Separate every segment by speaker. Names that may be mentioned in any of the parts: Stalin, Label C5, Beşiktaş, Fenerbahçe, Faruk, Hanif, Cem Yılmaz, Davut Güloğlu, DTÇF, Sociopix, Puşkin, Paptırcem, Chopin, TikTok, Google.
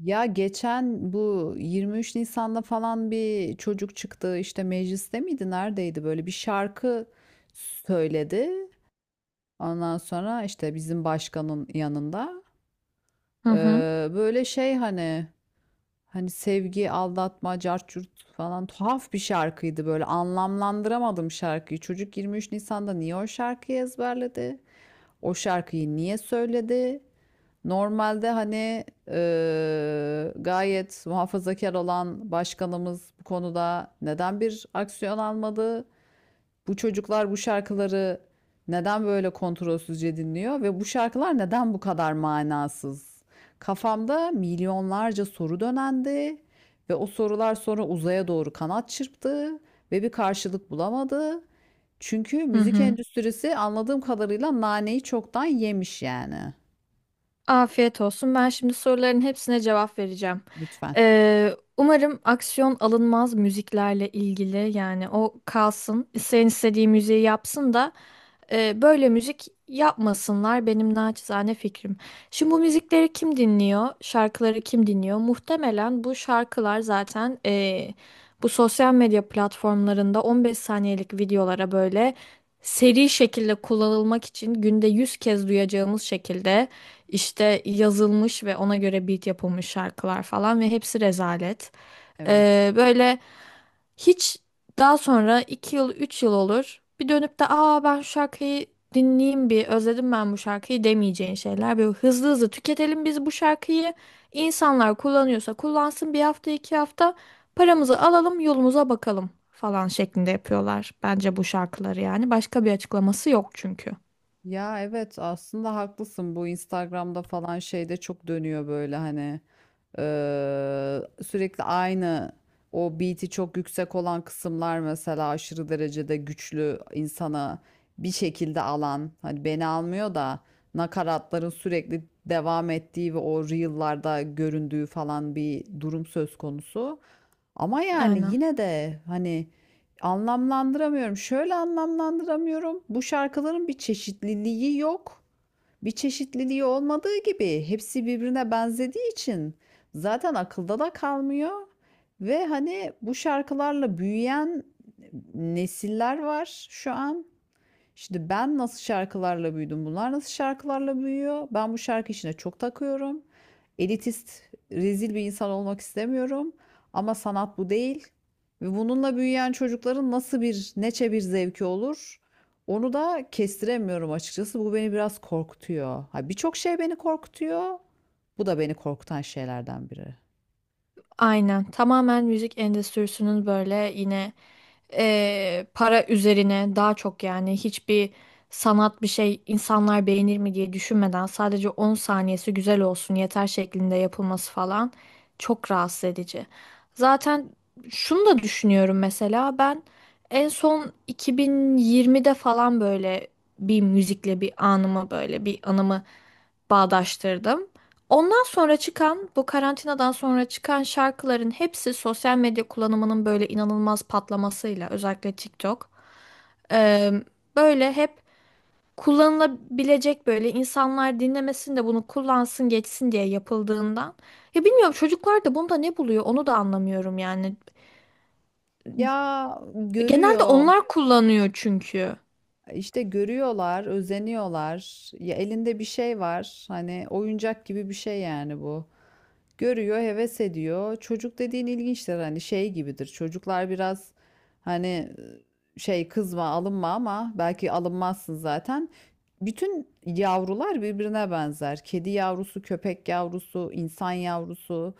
Speaker 1: Ya geçen bu 23 Nisan'da falan bir çocuk çıktı işte mecliste miydi neredeydi böyle bir şarkı söyledi. Ondan sonra işte bizim başkanın yanında
Speaker 2: Hı hı.
Speaker 1: Böyle şey hani sevgi aldatma cart curt falan tuhaf bir şarkıydı böyle anlamlandıramadım şarkıyı. Çocuk 23 Nisan'da niye o şarkıyı ezberledi? O şarkıyı niye söyledi? Normalde hani gayet muhafazakar olan başkanımız bu konuda neden bir aksiyon almadı? Bu çocuklar bu şarkıları neden böyle kontrolsüzce dinliyor ve bu şarkılar neden bu kadar manasız? Kafamda milyonlarca soru dönendi ve o sorular sonra uzaya doğru kanat çırptı ve bir karşılık bulamadı. Çünkü
Speaker 2: Hı
Speaker 1: müzik
Speaker 2: hı.
Speaker 1: endüstrisi anladığım kadarıyla naneyi çoktan yemiş yani.
Speaker 2: Afiyet olsun. Ben şimdi soruların hepsine cevap vereceğim.
Speaker 1: Lütfen.
Speaker 2: Ee, Umarım aksiyon alınmaz müziklerle ilgili yani o kalsın. İsteyen istediği müziği yapsın da böyle müzik yapmasınlar benim naçizane fikrim. Şimdi bu müzikleri kim dinliyor? Şarkıları kim dinliyor? Muhtemelen bu şarkılar zaten bu sosyal medya platformlarında 15 saniyelik videolara böyle seri şekilde kullanılmak için günde 100 kez duyacağımız şekilde işte yazılmış ve ona göre beat yapılmış şarkılar falan ve hepsi rezalet.
Speaker 1: Evet.
Speaker 2: Böyle hiç daha sonra 2 yıl 3 yıl olur bir dönüp de aa ben şu şarkıyı dinleyeyim bir özledim ben bu şarkıyı demeyeceğin şeyler. Böyle hızlı hızlı tüketelim biz bu şarkıyı insanlar kullanıyorsa kullansın bir hafta 2 hafta paramızı alalım yolumuza bakalım falan şeklinde yapıyorlar bence bu şarkıları yani başka bir açıklaması yok çünkü.
Speaker 1: Ya evet aslında haklısın, bu Instagram'da falan şeyde çok dönüyor böyle hani sürekli aynı o beat'i çok yüksek olan kısımlar mesela aşırı derecede güçlü insana bir şekilde alan, hani beni almıyor da nakaratların sürekli devam ettiği ve o reel'larda göründüğü falan bir durum söz konusu. Ama yani
Speaker 2: Aynen.
Speaker 1: yine de hani anlamlandıramıyorum. Şöyle anlamlandıramıyorum. Bu şarkıların bir çeşitliliği yok. Bir çeşitliliği olmadığı gibi hepsi birbirine benzediği için zaten akılda da kalmıyor. Ve hani bu şarkılarla büyüyen nesiller var şu an. Şimdi ben nasıl şarkılarla büyüdüm? Bunlar nasıl şarkılarla büyüyor? Ben bu şarkı işine çok takıyorum. Elitist, rezil bir insan olmak istemiyorum. Ama sanat bu değil. Ve bununla büyüyen çocukların nasıl bir, neçe bir zevki olur? Onu da kestiremiyorum açıkçası. Bu beni biraz korkutuyor. Ha, birçok şey beni korkutuyor. Bu da beni korkutan şeylerden biri.
Speaker 2: Aynen. Tamamen müzik endüstrisinin böyle yine para üzerine daha çok yani hiçbir sanat bir şey insanlar beğenir mi diye düşünmeden sadece 10 saniyesi güzel olsun yeter şeklinde yapılması falan çok rahatsız edici. Zaten şunu da düşünüyorum mesela ben en son 2020'de falan böyle bir müzikle bir anımı böyle bir anımı bağdaştırdım. Ondan sonra çıkan, bu karantinadan sonra çıkan şarkıların hepsi sosyal medya kullanımının böyle inanılmaz patlamasıyla, özellikle TikTok. e, Böyle hep kullanılabilecek böyle insanlar dinlemesin de bunu kullansın geçsin diye yapıldığından. Ya bilmiyorum çocuklar da bunda ne buluyor onu da anlamıyorum yani.
Speaker 1: Ya
Speaker 2: Genelde
Speaker 1: görüyor.
Speaker 2: onlar kullanıyor çünkü.
Speaker 1: İşte görüyorlar, özeniyorlar. Ya elinde bir şey var. Hani oyuncak gibi bir şey yani bu. Görüyor, heves ediyor. Çocuk dediğin ilginçtir, hani şey gibidir. Çocuklar biraz hani şey, kızma, alınma ama belki alınmazsın zaten. Bütün yavrular birbirine benzer. Kedi yavrusu, köpek yavrusu, insan yavrusu.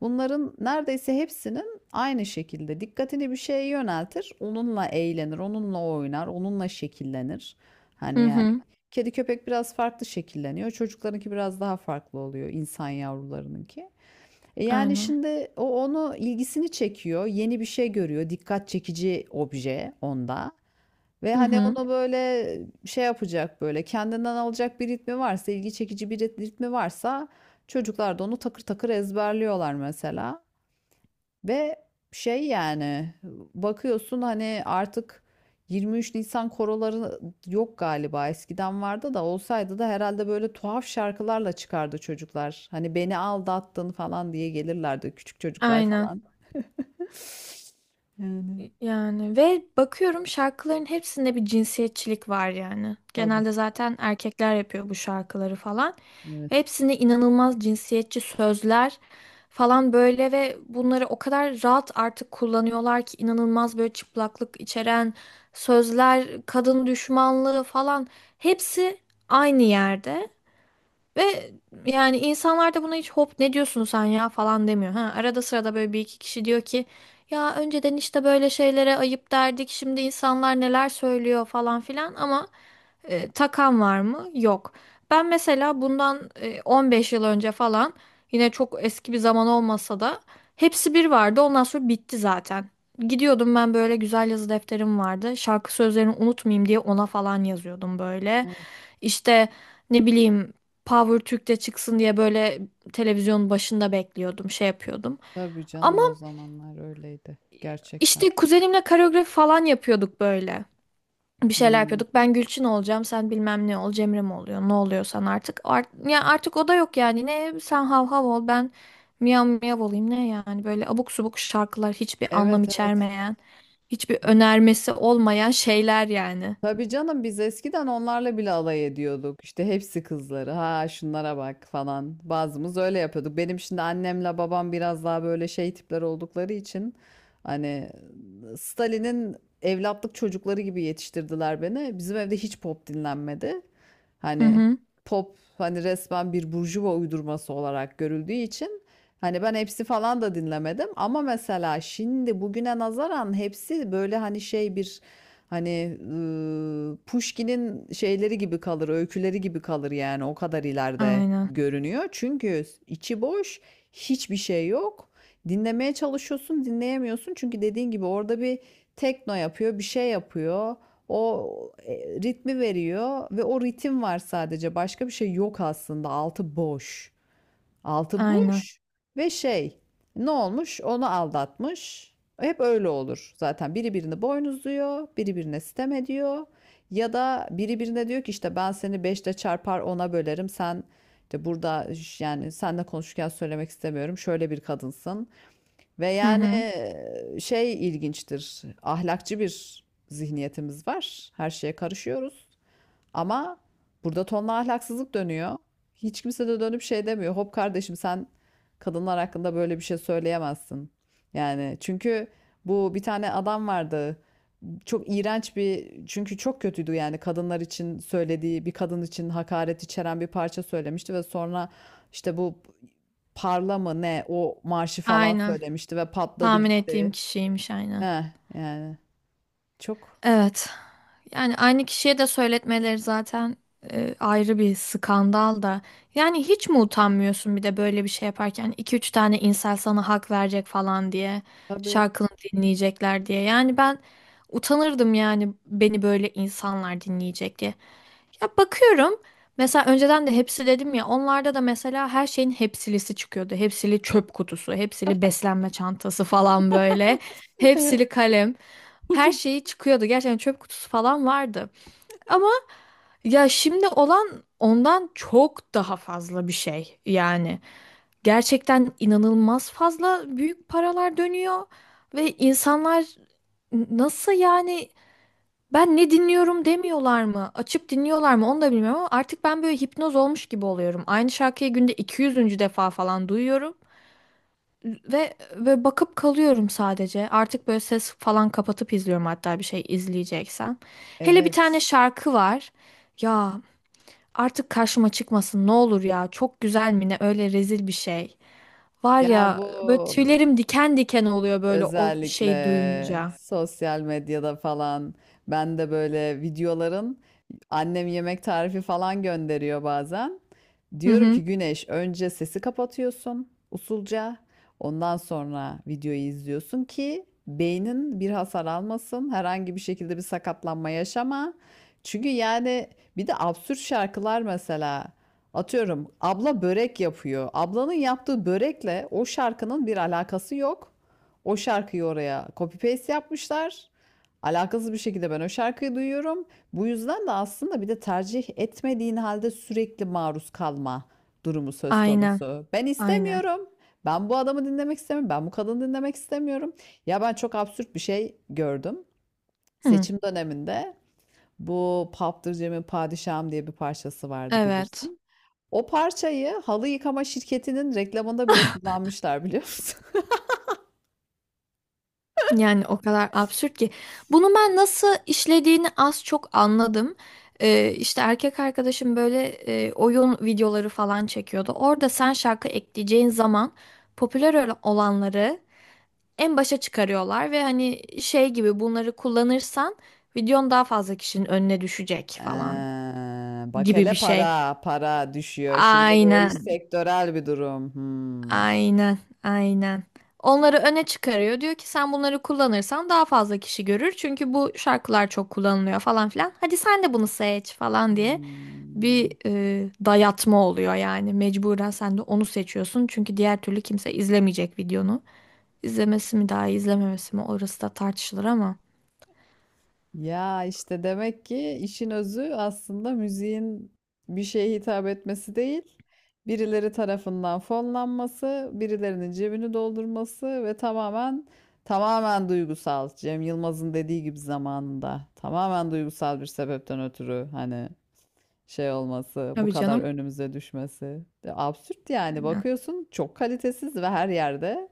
Speaker 1: Bunların neredeyse hepsinin aynı şekilde dikkatini bir şeye yöneltir. Onunla eğlenir, onunla oynar, onunla şekillenir. Hani
Speaker 2: Hı
Speaker 1: yani
Speaker 2: hı.
Speaker 1: kedi köpek biraz farklı şekilleniyor. Çocuklarınki biraz daha farklı oluyor, insan yavrularınınki. Yani
Speaker 2: Aynen.
Speaker 1: şimdi o onu ilgisini çekiyor, yeni bir şey görüyor, dikkat çekici obje onda ve
Speaker 2: Hı
Speaker 1: hani
Speaker 2: hı.
Speaker 1: onu böyle şey yapacak, böyle kendinden alacak bir ritmi varsa, ilgi çekici bir ritmi varsa çocuklar da onu takır takır ezberliyorlar mesela. Ve şey yani bakıyorsun hani artık 23 Nisan koroları yok galiba. Eskiden vardı da, olsaydı da herhalde böyle tuhaf şarkılarla çıkardı çocuklar. Hani beni aldattın falan diye gelirlerdi küçük çocuklar
Speaker 2: Aynen.
Speaker 1: falan. Yani
Speaker 2: Yani ve bakıyorum şarkıların hepsinde bir cinsiyetçilik var yani.
Speaker 1: tabii,
Speaker 2: Genelde zaten erkekler yapıyor bu şarkıları falan.
Speaker 1: evet.
Speaker 2: Hepsinde inanılmaz cinsiyetçi sözler falan böyle ve bunları o kadar rahat artık kullanıyorlar ki inanılmaz böyle çıplaklık içeren sözler, kadın düşmanlığı falan hepsi aynı yerde. Ve yani insanlar da buna hiç hop ne diyorsun sen ya falan demiyor. Ha, arada sırada böyle bir iki kişi diyor ki ya önceden işte böyle şeylere ayıp derdik şimdi insanlar neler söylüyor falan filan ama takan var mı? Yok. Ben mesela bundan 15 yıl önce falan yine çok eski bir zaman olmasa da hepsi bir vardı. Ondan sonra bitti zaten. Gidiyordum ben böyle güzel yazı defterim vardı. Şarkı sözlerini unutmayayım diye ona falan yazıyordum böyle.
Speaker 1: Evet,
Speaker 2: İşte ne bileyim Power Türk'te çıksın diye böyle televizyonun başında bekliyordum, şey yapıyordum.
Speaker 1: tabii
Speaker 2: Ama
Speaker 1: canım, o zamanlar öyleydi gerçekten.
Speaker 2: işte kuzenimle koreografi falan yapıyorduk böyle bir şeyler
Speaker 1: Hmm.
Speaker 2: yapıyorduk. Ben Gülçin olacağım, sen bilmem ne ol, Cemre mi oluyor, ne oluyorsan artık. Art ya artık o da yok yani. Ne sen hav hav ol, ben miyav miyav olayım ne yani. Böyle abuk subuk şarkılar, hiçbir anlam
Speaker 1: Evet, evet.
Speaker 2: içermeyen, hiçbir önermesi olmayan şeyler yani.
Speaker 1: Tabii canım, biz eskiden onlarla bile alay ediyorduk. İşte hepsi kızları. Ha, şunlara bak falan. Bazımız öyle yapıyorduk. Benim şimdi annemle babam biraz daha böyle şey tipler oldukları için hani Stalin'in evlatlık çocukları gibi yetiştirdiler beni. Bizim evde hiç pop dinlenmedi.
Speaker 2: Hı
Speaker 1: Hani
Speaker 2: hı.
Speaker 1: pop hani resmen bir burjuva uydurması olarak görüldüğü için hani ben hepsi falan da dinlemedim ama mesela şimdi bugüne nazaran hepsi böyle hani şey bir, hani Puşkin'in şeyleri gibi kalır, öyküleri gibi kalır yani, o kadar ileride
Speaker 2: Aynen.
Speaker 1: görünüyor. Çünkü içi boş, hiçbir şey yok. Dinlemeye çalışıyorsun, dinleyemiyorsun. Çünkü dediğin gibi orada bir tekno yapıyor, bir şey yapıyor. O e, ritmi veriyor ve o ritim var sadece. Başka bir şey yok aslında. Altı boş. Altı
Speaker 2: Aynen.
Speaker 1: boş ve şey, ne olmuş, onu aldatmış. Hep öyle olur zaten, biri birini boynuzluyor, biri birine sitem ediyor ya da biri birine diyor ki işte ben seni beşle çarpar ona bölerim, sen işte burada, yani seninle konuşurken söylemek istemiyorum, şöyle bir kadınsın ve
Speaker 2: Hı
Speaker 1: yani
Speaker 2: hı.
Speaker 1: şey, ilginçtir, ahlakçı bir zihniyetimiz var, her şeye karışıyoruz. Ama burada tonla ahlaksızlık dönüyor. Hiç kimse de dönüp şey demiyor. Hop kardeşim, sen kadınlar hakkında böyle bir şey söyleyemezsin. Yani çünkü bu bir tane adam vardı. Çok iğrenç bir, çünkü çok kötüydü yani, kadınlar için söylediği, bir kadın için hakaret içeren bir parça söylemişti ve sonra işte bu parla mı ne o marşı falan
Speaker 2: Aynen.
Speaker 1: söylemişti ve patladı
Speaker 2: Tahmin ettiğim
Speaker 1: gitti.
Speaker 2: kişiymiş aynen.
Speaker 1: Heh, yani çok
Speaker 2: Evet. Yani aynı kişiye de söyletmeleri zaten ayrı bir skandal da. Yani hiç mi utanmıyorsun bir de böyle bir şey yaparken hani iki üç tane insan sana hak verecek falan diye,
Speaker 1: tabii.
Speaker 2: şarkını dinleyecekler diye. Yani ben utanırdım yani beni böyle insanlar dinleyecek diye. Ya bakıyorum mesela önceden de hepsi dedim ya onlarda da mesela her şeyin hepsilisi çıkıyordu. Hepsili çöp kutusu, hepsili beslenme çantası falan böyle. Hepsili kalem. Her şeyi çıkıyordu. Gerçekten çöp kutusu falan vardı. Ama ya şimdi olan ondan çok daha fazla bir şey yani. Gerçekten inanılmaz fazla büyük paralar dönüyor ve insanlar nasıl yani ben ne dinliyorum demiyorlar mı? Açıp dinliyorlar mı? Onu da bilmiyorum ama artık ben böyle hipnoz olmuş gibi oluyorum. Aynı şarkıyı günde 200. defa falan duyuyorum ve bakıp kalıyorum sadece. Artık böyle ses falan kapatıp izliyorum hatta bir şey izleyeceksem. Hele bir tane
Speaker 1: Evet.
Speaker 2: şarkı var. Ya artık karşıma çıkmasın ne olur ya. Çok güzel mi ne öyle rezil bir şey. Var
Speaker 1: Ya
Speaker 2: ya
Speaker 1: bu,
Speaker 2: böyle tüylerim diken diken oluyor böyle o şey
Speaker 1: özellikle
Speaker 2: duyunca.
Speaker 1: sosyal medyada falan ben de böyle videoların, annem yemek tarifi falan gönderiyor bazen.
Speaker 2: Hı
Speaker 1: Diyorum
Speaker 2: hı.
Speaker 1: ki Güneş, önce sesi kapatıyorsun usulca. Ondan sonra videoyu izliyorsun ki beynin bir hasar almasın. Herhangi bir şekilde bir sakatlanma yaşama. Çünkü yani bir de absürt şarkılar mesela. Atıyorum, abla börek yapıyor. Ablanın yaptığı börekle o şarkının bir alakası yok. O şarkıyı oraya copy paste yapmışlar. Alakasız bir şekilde ben o şarkıyı duyuyorum. Bu yüzden de aslında bir de tercih etmediğin halde sürekli maruz kalma durumu söz
Speaker 2: Aynen.
Speaker 1: konusu. Ben
Speaker 2: Aynen.
Speaker 1: istemiyorum. Ben bu adamı dinlemek istemiyorum. Ben bu kadını dinlemek istemiyorum. Ya, ben çok absürt bir şey gördüm.
Speaker 2: Hı.
Speaker 1: Seçim döneminde bu Paptırcem'in Padişahım diye bir parçası vardı,
Speaker 2: Evet.
Speaker 1: bilirsin. O parçayı halı yıkama şirketinin reklamında bile kullanmışlar, biliyor musun?
Speaker 2: Yani o kadar absürt ki. Bunu ben nasıl işlediğini az çok anladım. İşte erkek arkadaşım böyle oyun videoları falan çekiyordu. Orada sen şarkı ekleyeceğin zaman popüler olanları en başa çıkarıyorlar ve hani şey gibi bunları kullanırsan videon daha fazla kişinin önüne düşecek falan
Speaker 1: Eee, bak
Speaker 2: gibi
Speaker 1: hele,
Speaker 2: bir şey.
Speaker 1: para, para düşüyor. Şimdi bu iş
Speaker 2: Aynen.
Speaker 1: sektörel bir durum. Hmm.
Speaker 2: Aynen, aynen. Onları öne çıkarıyor. Diyor ki sen bunları kullanırsan daha fazla kişi görür. Çünkü bu şarkılar çok kullanılıyor falan filan. Hadi sen de bunu seç falan diye
Speaker 1: Hmm.
Speaker 2: bir dayatma oluyor yani. Mecburen sen de onu seçiyorsun. Çünkü diğer türlü kimse izlemeyecek videonu. İzlemesi mi daha iyi, izlememesi mi orası da tartışılır ama.
Speaker 1: Ya işte demek ki işin özü aslında müziğin bir şeye hitap etmesi değil, birileri tarafından fonlanması, birilerinin cebini doldurması ve tamamen tamamen duygusal. Cem Yılmaz'ın dediği gibi zamanında tamamen duygusal bir sebepten ötürü hani şey olması, bu
Speaker 2: Tabii
Speaker 1: kadar
Speaker 2: canım.
Speaker 1: önümüze düşmesi. De absürt yani,
Speaker 2: Aynen.
Speaker 1: bakıyorsun çok kalitesiz ve her yerde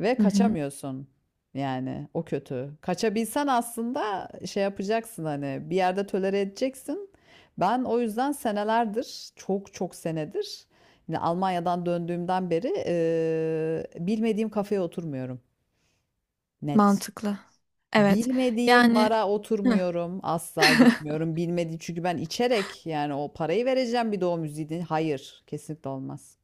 Speaker 1: ve
Speaker 2: Hı hı.
Speaker 1: kaçamıyorsun. Yani o kötü. Kaçabilsen aslında şey yapacaksın, hani bir yerde tolere edeceksin. Ben o yüzden senelerdir, çok çok senedir, yine Almanya'dan döndüğümden beri bilmediğim kafeye oturmuyorum. Net.
Speaker 2: Mantıklı. Evet.
Speaker 1: Bilmediğim
Speaker 2: Yani...
Speaker 1: bara oturmuyorum, asla gitmiyorum. Bilmediğim, çünkü ben içerek yani o parayı vereceğim bir doğum müziği Hayır, kesinlikle olmaz.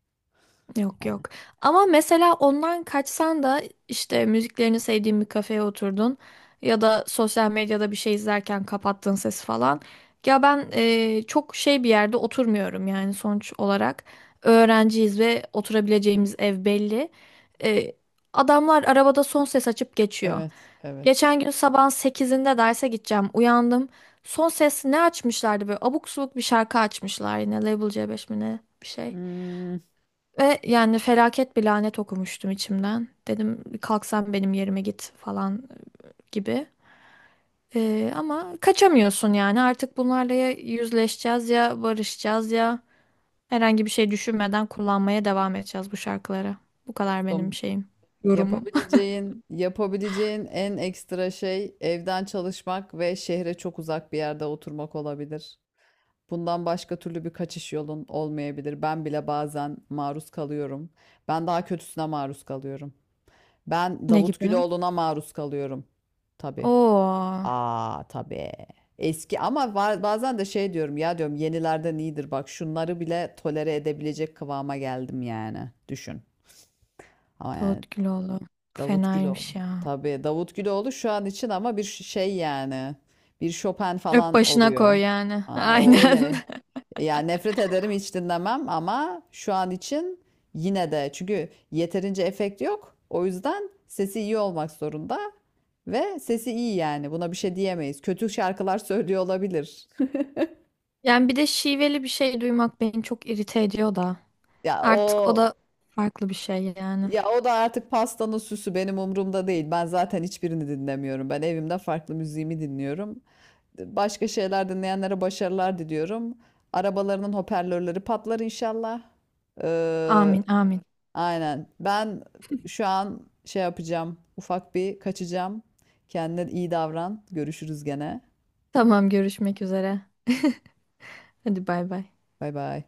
Speaker 2: Yok
Speaker 1: Yani
Speaker 2: yok. Ama mesela ondan kaçsan da işte müziklerini sevdiğin bir kafeye oturdun ya da sosyal medyada bir şey izlerken kapattın sesi falan. Ya ben çok şey bir yerde oturmuyorum yani sonuç olarak. Öğrenciyiz ve oturabileceğimiz ev belli. E, Adamlar arabada son ses açıp geçiyor.
Speaker 1: evet, evet.
Speaker 2: Geçen gün sabahın 8'inde derse gideceğim. Uyandım. Son ses ne açmışlardı böyle abuk subuk bir şarkı açmışlar yine Label C5 mi ne bir şey.
Speaker 1: Hmm,
Speaker 2: Ve yani felaket bir lanet okumuştum içimden. Dedim kalksan benim yerime git falan gibi. Ama kaçamıyorsun yani artık bunlarla ya yüzleşeceğiz ya barışacağız ya herhangi bir şey düşünmeden kullanmaya devam edeceğiz bu şarkıları. Bu kadar benim
Speaker 1: dostum,
Speaker 2: şeyim, yorumum.
Speaker 1: yapabileceğin en ekstra şey evden çalışmak ve şehre çok uzak bir yerde oturmak olabilir. Bundan başka türlü bir kaçış yolun olmayabilir. Ben bile bazen maruz kalıyorum. Ben daha kötüsüne maruz kalıyorum. Ben
Speaker 2: Ne
Speaker 1: Davut
Speaker 2: gibi?
Speaker 1: Güloğlu'na maruz kalıyorum. Tabii.
Speaker 2: Oo,
Speaker 1: Aa, tabii. Eski ama bazen de şey diyorum ya, diyorum yenilerden iyidir, bak şunları bile tolere edebilecek kıvama geldim yani. Düşün. Ama yani
Speaker 2: Davut Güloğlu.
Speaker 1: Davut Güloğlu.
Speaker 2: Fenaymış ya.
Speaker 1: Tabii Davut Güloğlu şu an için, ama bir şey yani. Bir Chopin
Speaker 2: Öp
Speaker 1: falan
Speaker 2: başına koy
Speaker 1: oluyor.
Speaker 2: yani.
Speaker 1: Aa, o
Speaker 2: Aynen.
Speaker 1: öyle. Yani nefret ederim, hiç dinlemem ama şu an için yine de, çünkü yeterince efekt yok. O yüzden sesi iyi olmak zorunda ve sesi iyi yani. Buna bir şey diyemeyiz. Kötü şarkılar söylüyor olabilir.
Speaker 2: Yani bir de şiveli bir şey duymak beni çok irite ediyor da.
Speaker 1: Ya
Speaker 2: Artık o
Speaker 1: o
Speaker 2: da farklı bir şey yani.
Speaker 1: ya o da artık, pastanın süsü benim umurumda değil. Ben zaten hiçbirini dinlemiyorum. Ben evimde farklı müziğimi dinliyorum. Başka şeyler dinleyenlere başarılar diliyorum. Arabalarının hoparlörleri patlar inşallah. Ee,
Speaker 2: Amin, amin.
Speaker 1: aynen. Ben şu an şey yapacağım. Ufak bir kaçacağım. Kendine iyi davran. Görüşürüz gene.
Speaker 2: Tamam, görüşmek üzere. Hadi bay bay.
Speaker 1: Bay bay.